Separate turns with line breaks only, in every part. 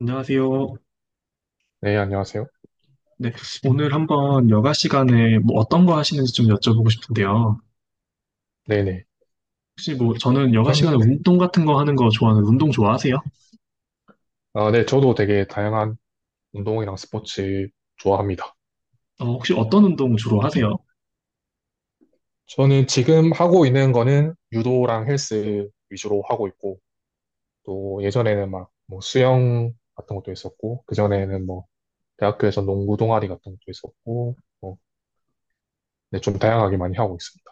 안녕하세요.
네, 안녕하세요.
네, 오늘 한번 여가 시간에 뭐 어떤 거 하시는지 좀 여쭤보고 싶은데요.
네네.
혹시 뭐 저는 여가
저는,
시간에
네.
운동 같은 거 하는 거 좋아하는 운동 좋아하세요?
아, 네, 저도 되게 다양한 운동이랑 스포츠 좋아합니다.
어, 혹시 어떤 운동 주로 하세요?
저는 지금 하고 있는 거는 유도랑 헬스 위주로 하고 있고, 또 예전에는 막 뭐 수영 같은 것도 있었고, 그전에는 뭐 대학교에서 농구 동아리 같은 것도 있었고, 뭐, 네, 좀 다양하게 많이 하고 있습니다.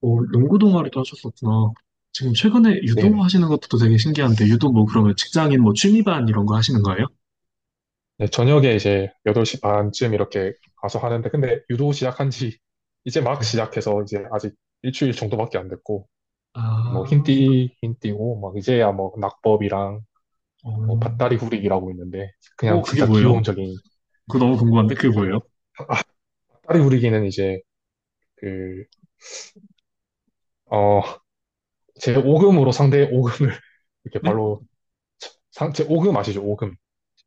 어, 농구 동아리도 하셨었구나. 지금 최근에 유도
네네.
하시는 것도 되게 신기한데 유도 뭐 그러면 직장인 뭐 취미반 이런 거 하시는 거예요?
네, 저녁에 이제 8시 반쯤 이렇게 가서 하는데, 근데 유도 시작한 지 이제 막
네.
시작해서 이제 아직 일주일 정도밖에 안 됐고, 뭐
아,
흰띠고 막 이제야 뭐 낙법이랑
어,
뭐 밭다리 구리기라고 있는데 그냥
그게
진짜
뭐예요?
기본적인.
그거 너무 궁금한데 그게 뭐예요?
밭다리 구리기는 이제 그 어 제 오금으로 상대의 오금을 이렇게
네?
발로 상, 제 오금 아시죠? 오금.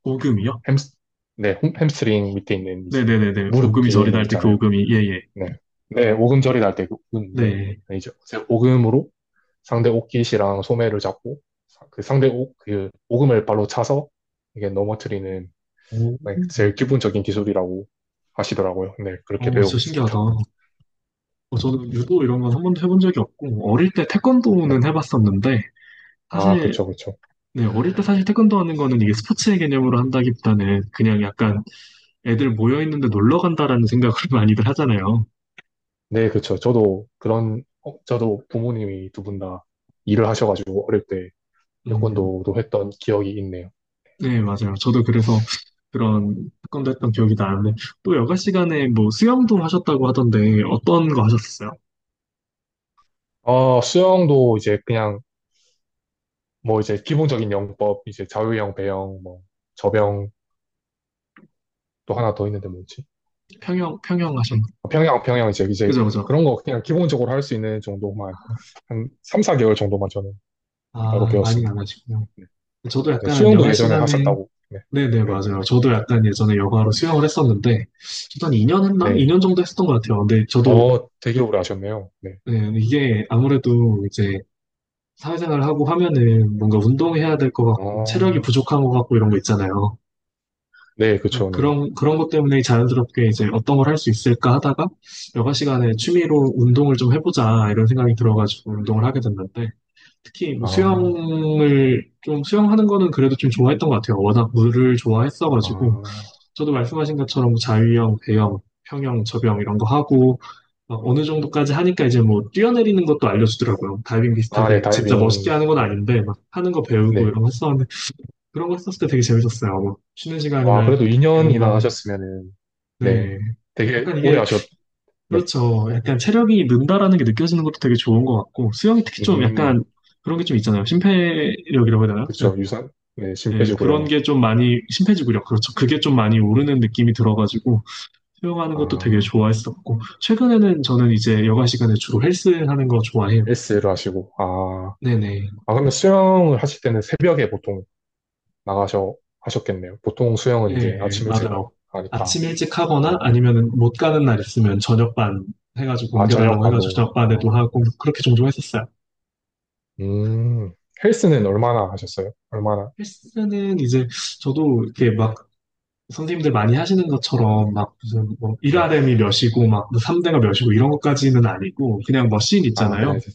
오금이요?
햄스, 네, 햄스트링 밑에 있는 이제
네네네네.
무릎
오금이
뒤에 있는
저리다
거
할 때 그
있잖아요.
오금이 예예.
네, 네 오금절이 날 때그금인데
네.
이제 제 오금으로 상대 옷깃이랑 소매를 잡고 그 상대 옷 그 오금을 발로 차서 이게 넘어뜨리는.
오,
네, 제일 기본적인 기술이라고 하시더라고요. 네, 그렇게
어,
배우고
진짜 신기하다.
있습니다.
어, 저는 유도 이런 건 한 번도 해본 적이 없고, 어릴 때 태권도는
네.
해봤었는데,
아,
사실,
그쵸, 그쵸.
네, 어릴 때 사실 태권도 하는 거는 이게 스포츠의 개념으로 한다기보다는 그냥 약간 애들 모여있는데 놀러 간다라는 생각을 많이들 하잖아요.
네, 그쵸. 저도 그런, 어, 저도 부모님이 두 분 다 일을 하셔가지고 어릴 때
음,
태권도도 했던 기억이 있네요.
네, 맞아요. 저도 그래서 그런 태권도 했던 기억이 나는데, 또 여가 시간에 뭐 수영도 하셨다고 하던데, 어떤 거 하셨어요?
어, 수영도 이제 그냥 뭐 이제 기본적인 영법, 이제 자유형, 배영, 뭐 접영 또 하나 더 있는데 뭐지?
평영, 평영 하셨나요?
아, 평영 이제
그죠, 그죠.
그런 거 그냥 기본적으로 할 수 있는 정도만 한 3, 4개월 정도만 저는 따로
아, 많이
배웠습니다.
안 하시구나.
네.
저도
네,
약간
수영도
여가
예전에
시간에
하셨다고. 네.
네네,
네.
맞아요. 저도 약간 예전에 여가로 수영을 했었는데, 저도 한 2년 했나?
네.
2년 정도 했었던 것 같아요. 근데 저도,
어, 되게 오래 하셨네요. 네.
네, 이게 아무래도 이제 사회생활을 하고 하면은 뭔가 운동해야 될 것 같고, 체력이
아,
부족한 것 같고 이런 거 있잖아요.
네,
그래서
그쵸, 네.
그런 것 때문에 자연스럽게 이제 어떤 걸 할 수 있을까 하다가, 여가 시간에 취미로 운동을 좀 해보자, 이런 생각이 들어가지고 운동을 하게 됐는데, 특히 뭐
아,
좀 수영하는 거는 그래도 좀 좋아했던 것 같아요. 워낙 물을 좋아했어가지고,
아,
저도 말씀하신 것처럼 뭐 자유형, 배영, 평영, 접영 이런 거 하고 막 어느 정도까지 하니까 이제 뭐 뛰어내리는 것도 알려주더라고요. 다이빙
아, 네,
비슷하게 진짜 멋있게
다이빙.
하는 건
네,
아닌데 막 하는 거 배우고
네.
이런 거 했었는데 그런 거 했었을 때 되게 재밌었어요. 뭐 쉬는
와,
시간이나
그래도
이게
2년이나
뭔가
하셨으면은, 네.
네,
되게
약간
오래
이게
하셨, 네.
그렇죠. 약간 체력이 는다라는 게 느껴지는 것도 되게 좋은 것 같고 수영이 특히 좀
음,
약간 그런 게 좀 있잖아요. 심폐력이라고 해야 되나요?
그쵸, 유산, 네, 심
네, 그런
빼주고요.
게 좀 많이 심폐지구력 그렇죠. 그게 좀 많이
네.
오르는 느낌이 들어가지고 수영하는
아,
것도 되게 좋아했었고, 최근에는 저는 이제 여가 시간에 주로 헬스 하는 거 좋아해요.
헬스를 하시고, 아,
네네.
아, 그러면 수영을 하실 때는 새벽에 보통 나가셔, 하셨겠네요. 보통 수영은 이제
예,
아침 일찍
맞아요.
하니까,
아침 일찍 하거나
아,
아니면은 못 가는 날 있으면 저녁반 해가지고
아, 저녁
옮겨달라고 해가지고
반도,
저녁반에도
아.
하고, 그렇게 종종 했었어요.
음, 헬스는 얼마나 하셨어요? 얼마나?
헬스는 이제 저도 이렇게 막 선생님들 많이 하시는 것처럼 막 무슨 뭐
네.
1RM이 몇이고 막 3대가 몇이고 이런 것까지는 아니고, 그냥 머신
아, 그냥
있잖아요.
이제,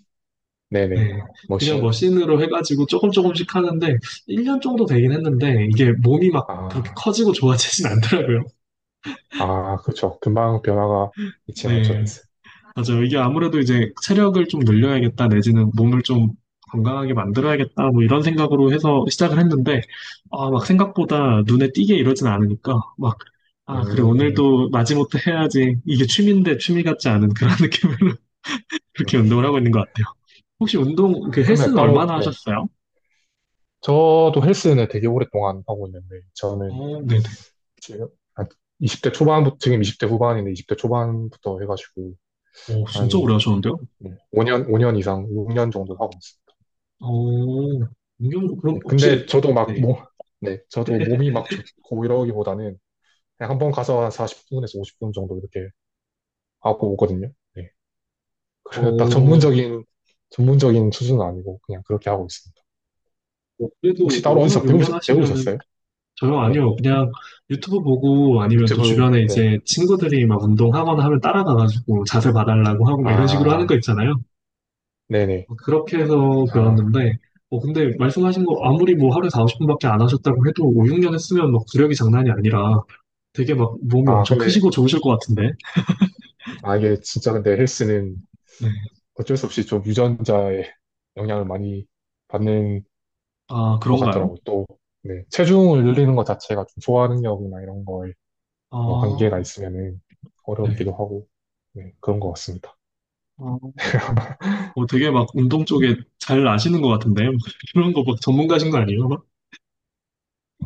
네네.
네. 그냥
머신.
머신으로 해가지고 조금씩 하는데, 1년 정도 되긴 했는데, 이게 몸이 막 그렇게
아,
커지고 좋아지진 않더라고요.
아, 그렇죠. 금방 변화가 있진 않죠,
네.
헬스.
맞아요. 이게 아무래도 이제 체력을 좀 늘려야겠다, 내지는 몸을 좀 건강하게 만들어야겠다, 뭐 이런 생각으로 해서 시작을 했는데, 아, 막 생각보다 눈에 띄게 이러진 않으니까, 막, 아, 그래,
음,
오늘도 마지못해 해야지. 이게 취미인데 취미 같지 않은 그런 느낌으로
음.
그렇게 운동을 하고 있는 것 같아요. 혹시 운동, 그
그러면
헬스는
따로,
얼마나
네.
하셨어요?
저도 헬스는 되게 오랫동안 하고 있는데, 저는
어, 네네.
지금 한 20대 초반부터, 지금 20대 후반인데, 20대 초반부터 해가지고,
오, 진짜 오래
한
하셨는데요?
5년, 5년 이상, 6년 정도 하고 있습니다.
어, 경 그럼
네. 근데
혹시,
저도 막,
네,
뭐, 네. 저도 몸이 막 좋고 이러기보다는, 그냥 한번 가서 한 40분에서 50분 정도 이렇게 하고 오거든요. 네.
어,
딱
뭐
전문적인 수준은 아니고 그냥 그렇게 하고 있습니다.
그래도
혹시 따로
5년,
어디서
6년 하시면은
배우셨어요?
저요,
네.
아니요. 그냥 유튜브 보고 아니면 또
유튜브,
주변에
네.
이제 친구들이 막 운동하거나 하면 따라가가지고 자세 봐달라고 하고 막 이런 식으로 하는 거
아,
있잖아요.
네네.
어, 그렇게 해서
아,
배웠는데, 어, 근데 말씀하신 거 아무리 뭐 하루에 40분밖에 안 하셨다고 해도 5, 6년 했으면 막 구력이 장난이 아니라 되게 막 몸이
아,
엄청
근데,
크시고 좋으실 것 같은데.
아, 이게 진짜 근데 헬스는
네.
어쩔 수 없이 좀 유전자의 영향을 많이 받는
아,
것
그런가요?
같더라고요. 또, 네. 체중을 늘리는 것 자체가 좀 소화 능력이나 이런 거에 뭐 한계가
아,
있으면은
네.
어렵기도 하고, 네. 그런 것 같습니다.
어, 되게 막 운동 쪽에 잘 아시는 것 같은데? 막 이런 거 막 전문가신 거 아니에요? 막?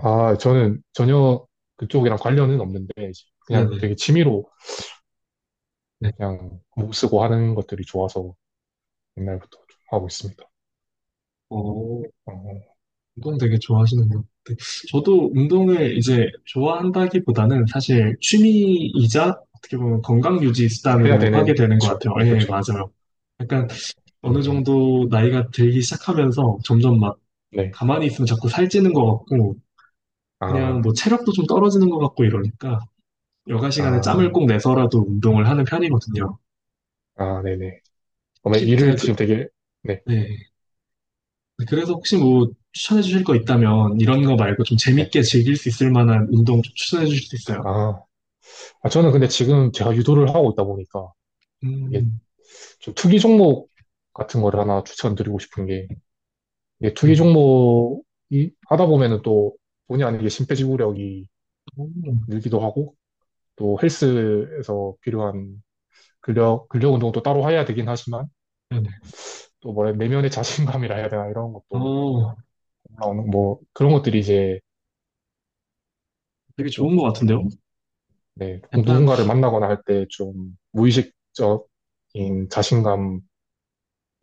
아, 저는 전혀 그쪽이랑 관련은 없는데, 이제 그냥
네네.
되게 취미로
네.
그냥 목 쓰고 하는 것들이 좋아서 옛날부터 좀 하고 있습니다.
어,
어,
운동 되게 좋아하시는 것 같아요. 저도 운동을 이제 좋아한다기보다는 사실 취미이자 어떻게 보면 건강 유지
해야
수단으로 하게
되는,
되는 것
그쵸.
같아요.
네,
예,
그쵸.
맞아요. 약간 어느
음,
정도 나이가 들기 시작하면서 점점 막
네.
가만히 있으면 자꾸 살찌는 것 같고 그냥
아,
뭐 체력도 좀 떨어지는 것 같고 이러니까 여가 시간에 짬을
아,
꼭 내서라도 운동을 하는 편이거든요.
아, 네네. 그머
혹시
일을
제가 그,
지금 되게, 네,
네. 네, 그래서 혹시 뭐 추천해 주실 거 있다면 이런 거 말고 좀
네.
재밌게 즐길 수 있을 만한 운동 좀 추천해 주실 수 있어요?
아, 아, 저는 근데 지금 제가 유도를 하고 있다 보니까 이게
음,
좀 투기 종목 같은 거를 하나 추천드리고 싶은 게 이게 투기
네.
종목이 하다 보면은 또 본의 아니게 심폐지구력이
오,
늘기도 하고 또 헬스에서 필요한 근력 운동도 따로 해야 되긴 하지만
네네.
또 뭐래 내면의 자신감이라 해야 되나 이런 것도
어,
올라오는 뭐 그런 것들이 이제
되게 좋은
꼭,
것 같은데요?
네, 꼭
약간,
누군가를 만나거나 할 때 좀 무의식적인 자신감의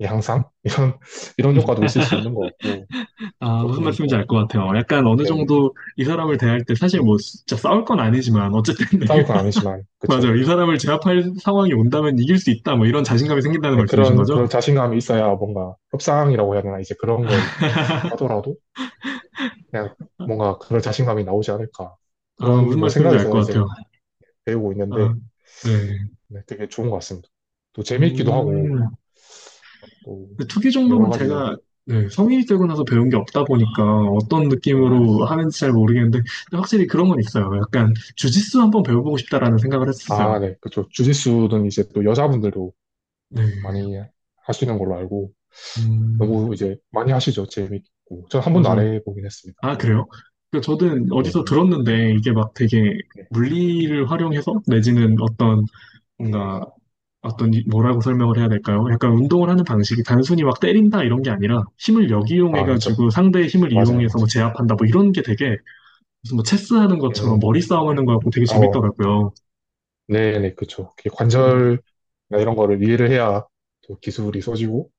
향상 이런
음,
이런 효과도 있을 수 있는 것 같고
아, 무슨
조금
말씀인지
꼭,
알 것 같아요. 약간 어느
네네,
정도 이 사람을 대할 때 사실 뭐 진짜 싸울 건 아니지만 어쨌든, 네.
싸울 건 아니지만 그쵸.
맞아요. 이 사람을 제압할 상황이 온다면 이길 수 있다. 뭐 이런 자신감이 생긴다는
네,
말씀이신
그런
거죠?
그런 자신감이 있어야 뭔가 협상이라고 해야 되나 이제 그런 걸 하더라도 그냥 뭔가 그런 자신감이 나오지 않을까
아,
그런
무슨
뭐
말씀인지 알
생각에서
것
이제
같아요.
배우고 있는데
아, 네.
네, 되게 좋은 것 같습니다. 또 재미있기도 하고
음,
또
근데 투기
여러
종목은
가지.
제가 네, 성인이 되고 나서 배운 게 없다 보니까 어떤 느낌으로
음,
하는지 잘 모르겠는데 근데 확실히 그런 건 있어요. 약간 주짓수 한번 배워보고 싶다라는 생각을 했었어요.
아, 네, 그쵸. 주짓수는 이제 또 여자분들도
네,
많이 하시는 걸로 알고
음,
너무 이제 많이 하시죠. 재밌고 전 한 번도 안
맞아요.
해보긴 했습니다.
아,
네,
그래요? 그 저는
네,
어디서
네.
들었는데 이게 막 되게
네.
물리를 활용해서 내지는 어떤 뭔가 어떤 뭐라고 설명을 해야 될까요? 약간 운동을 하는 방식이 단순히 막 때린다 이런 게 아니라 힘을
아, 그쵸.
역이용해가지고 상대의 힘을
맞아요,
이용해서
맞아요.
뭐 제압한다 뭐 이런 게 되게 무슨 뭐 체스 하는 것처럼
음,
머리 싸움 하는 거고 되게
어,
재밌더라고요.
네, 네, 그쵸. 이게
그래서
관절이나 이런 거를 이해를 해야 또 기술이 써지고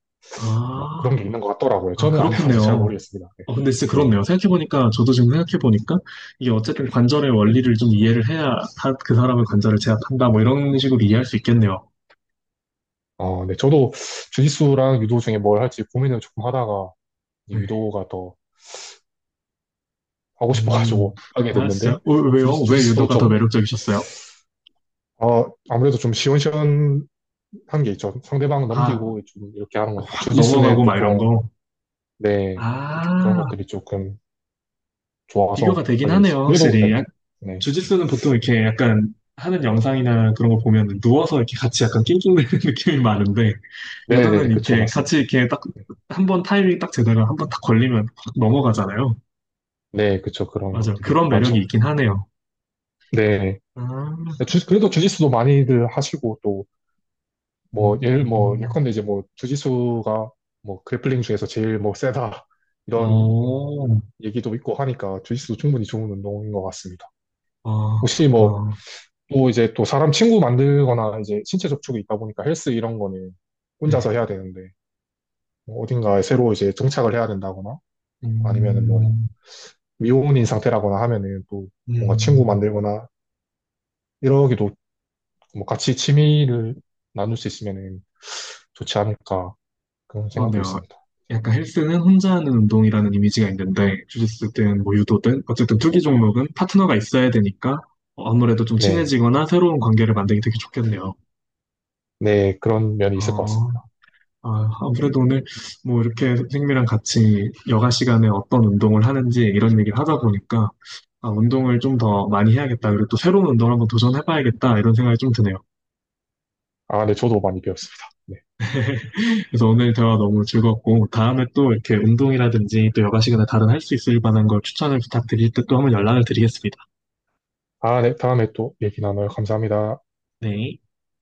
뭐 그런
아,
게 있는 것 같더라고요.
아,
저는 안 해봐서 잘
그렇겠네요.
모르겠습니다. 네,
어, 근데 진짜
네.
그렇네요. 생각해보니까, 저도 지금 생각해보니까, 이게 어쨌든 관절의 원리를 좀 이해를 해야 그 사람의 관절을 제압한다, 뭐 이런 식으로 이해할 수 있겠네요.
어, 네, 저도 주짓수랑 유도 중에 뭘 할지 고민을 조금 하다가 이제
네.
유도가 더 하고
음,
싶어가지고 하게
아,
됐는데
진짜? 어, 왜요? 왜
주짓수도
유도가 더
좀,
매력적이셨어요?
어, 아무래도 좀 시원시원한 게 있죠. 상대방
아,
넘기고 좀 이렇게 하는 거니까
팍
주짓수는
넘어가고 막 이런
보통
거.
네, 그런
아,
것들이 조금
비교가
좋아서
되긴
하게 됐어요.
하네요,
그래도
확실히.
네, 네,
주짓수는 보통 이렇게 약간 하는 영상이나 그런 거 보면 누워서 이렇게 같이 약간 낑낑대는 느낌이 많은데
네, 네,
유도는
그쵸,
이렇게 같이
맞습니다.
이렇게 딱 한번 타이밍 딱 제대로 한 번 딱 걸리면 확 넘어가잖아요.
네, 그쵸, 그런
맞아.
것들이
그런 매력이
많죠.
있긴 하네요.
네,
아,
그래도 주짓수도 많이들 하시고 또
음,
뭐
음,
예컨대 이제 뭐 주짓수가 뭐 그래플링 중에서 제일 뭐 세다 이런
어,
얘기도 있고 하니까 주짓수도 충분히 좋은 운동인 것 같습니다.
아,
혹시 뭐,
아,
또 이제 또 사람 친구 만들거나 이제 신체 접촉이 있다 보니까 헬스 이런 거는
네.
혼자서 해야 되는데, 뭐 어딘가에 새로 이제 정착을 해야 된다거나, 아니면은 뭐,
음,
미혼인 상태라거나 하면은 또 뭔가 친구
음.
만들거나, 이러기도 뭐 같이 취미를 나눌 수 있으면은 좋지 않을까, 그런 생각도
그러네요.
있습니다.
약간 헬스는 혼자 하는 운동이라는 이미지가 있는데, 주짓수든 뭐 유도든, 어쨌든 투기 종목은 파트너가 있어야 되니까, 어, 아무래도 좀
네.
친해지거나 새로운 관계를 만들기 되게 좋겠네요.
네, 그런 면이 있을 것
어,
같습니다.
아, 아무래도 오늘 뭐 이렇게 선생님이랑 같이 여가 시간에 어떤 운동을 하는지 이런 얘기를 하다 보니까, 아, 운동을 좀 더 많이 해야겠다. 그리고 또 새로운 운동을 한번 도전해봐야겠다. 이런 생각이 좀 드네요.
아, 네, 저도 많이 배웠습니다. 네.
그래서 오늘 대화 너무 즐겁고 다음에 또 이렇게 운동이라든지 또 여가 시간에 다른 할 수 있을 만한 걸 추천을 부탁드릴 때 또 한번 연락을 드리겠습니다.
아, 네, 다음에 또 얘기 나눠요. 감사합니다.
네.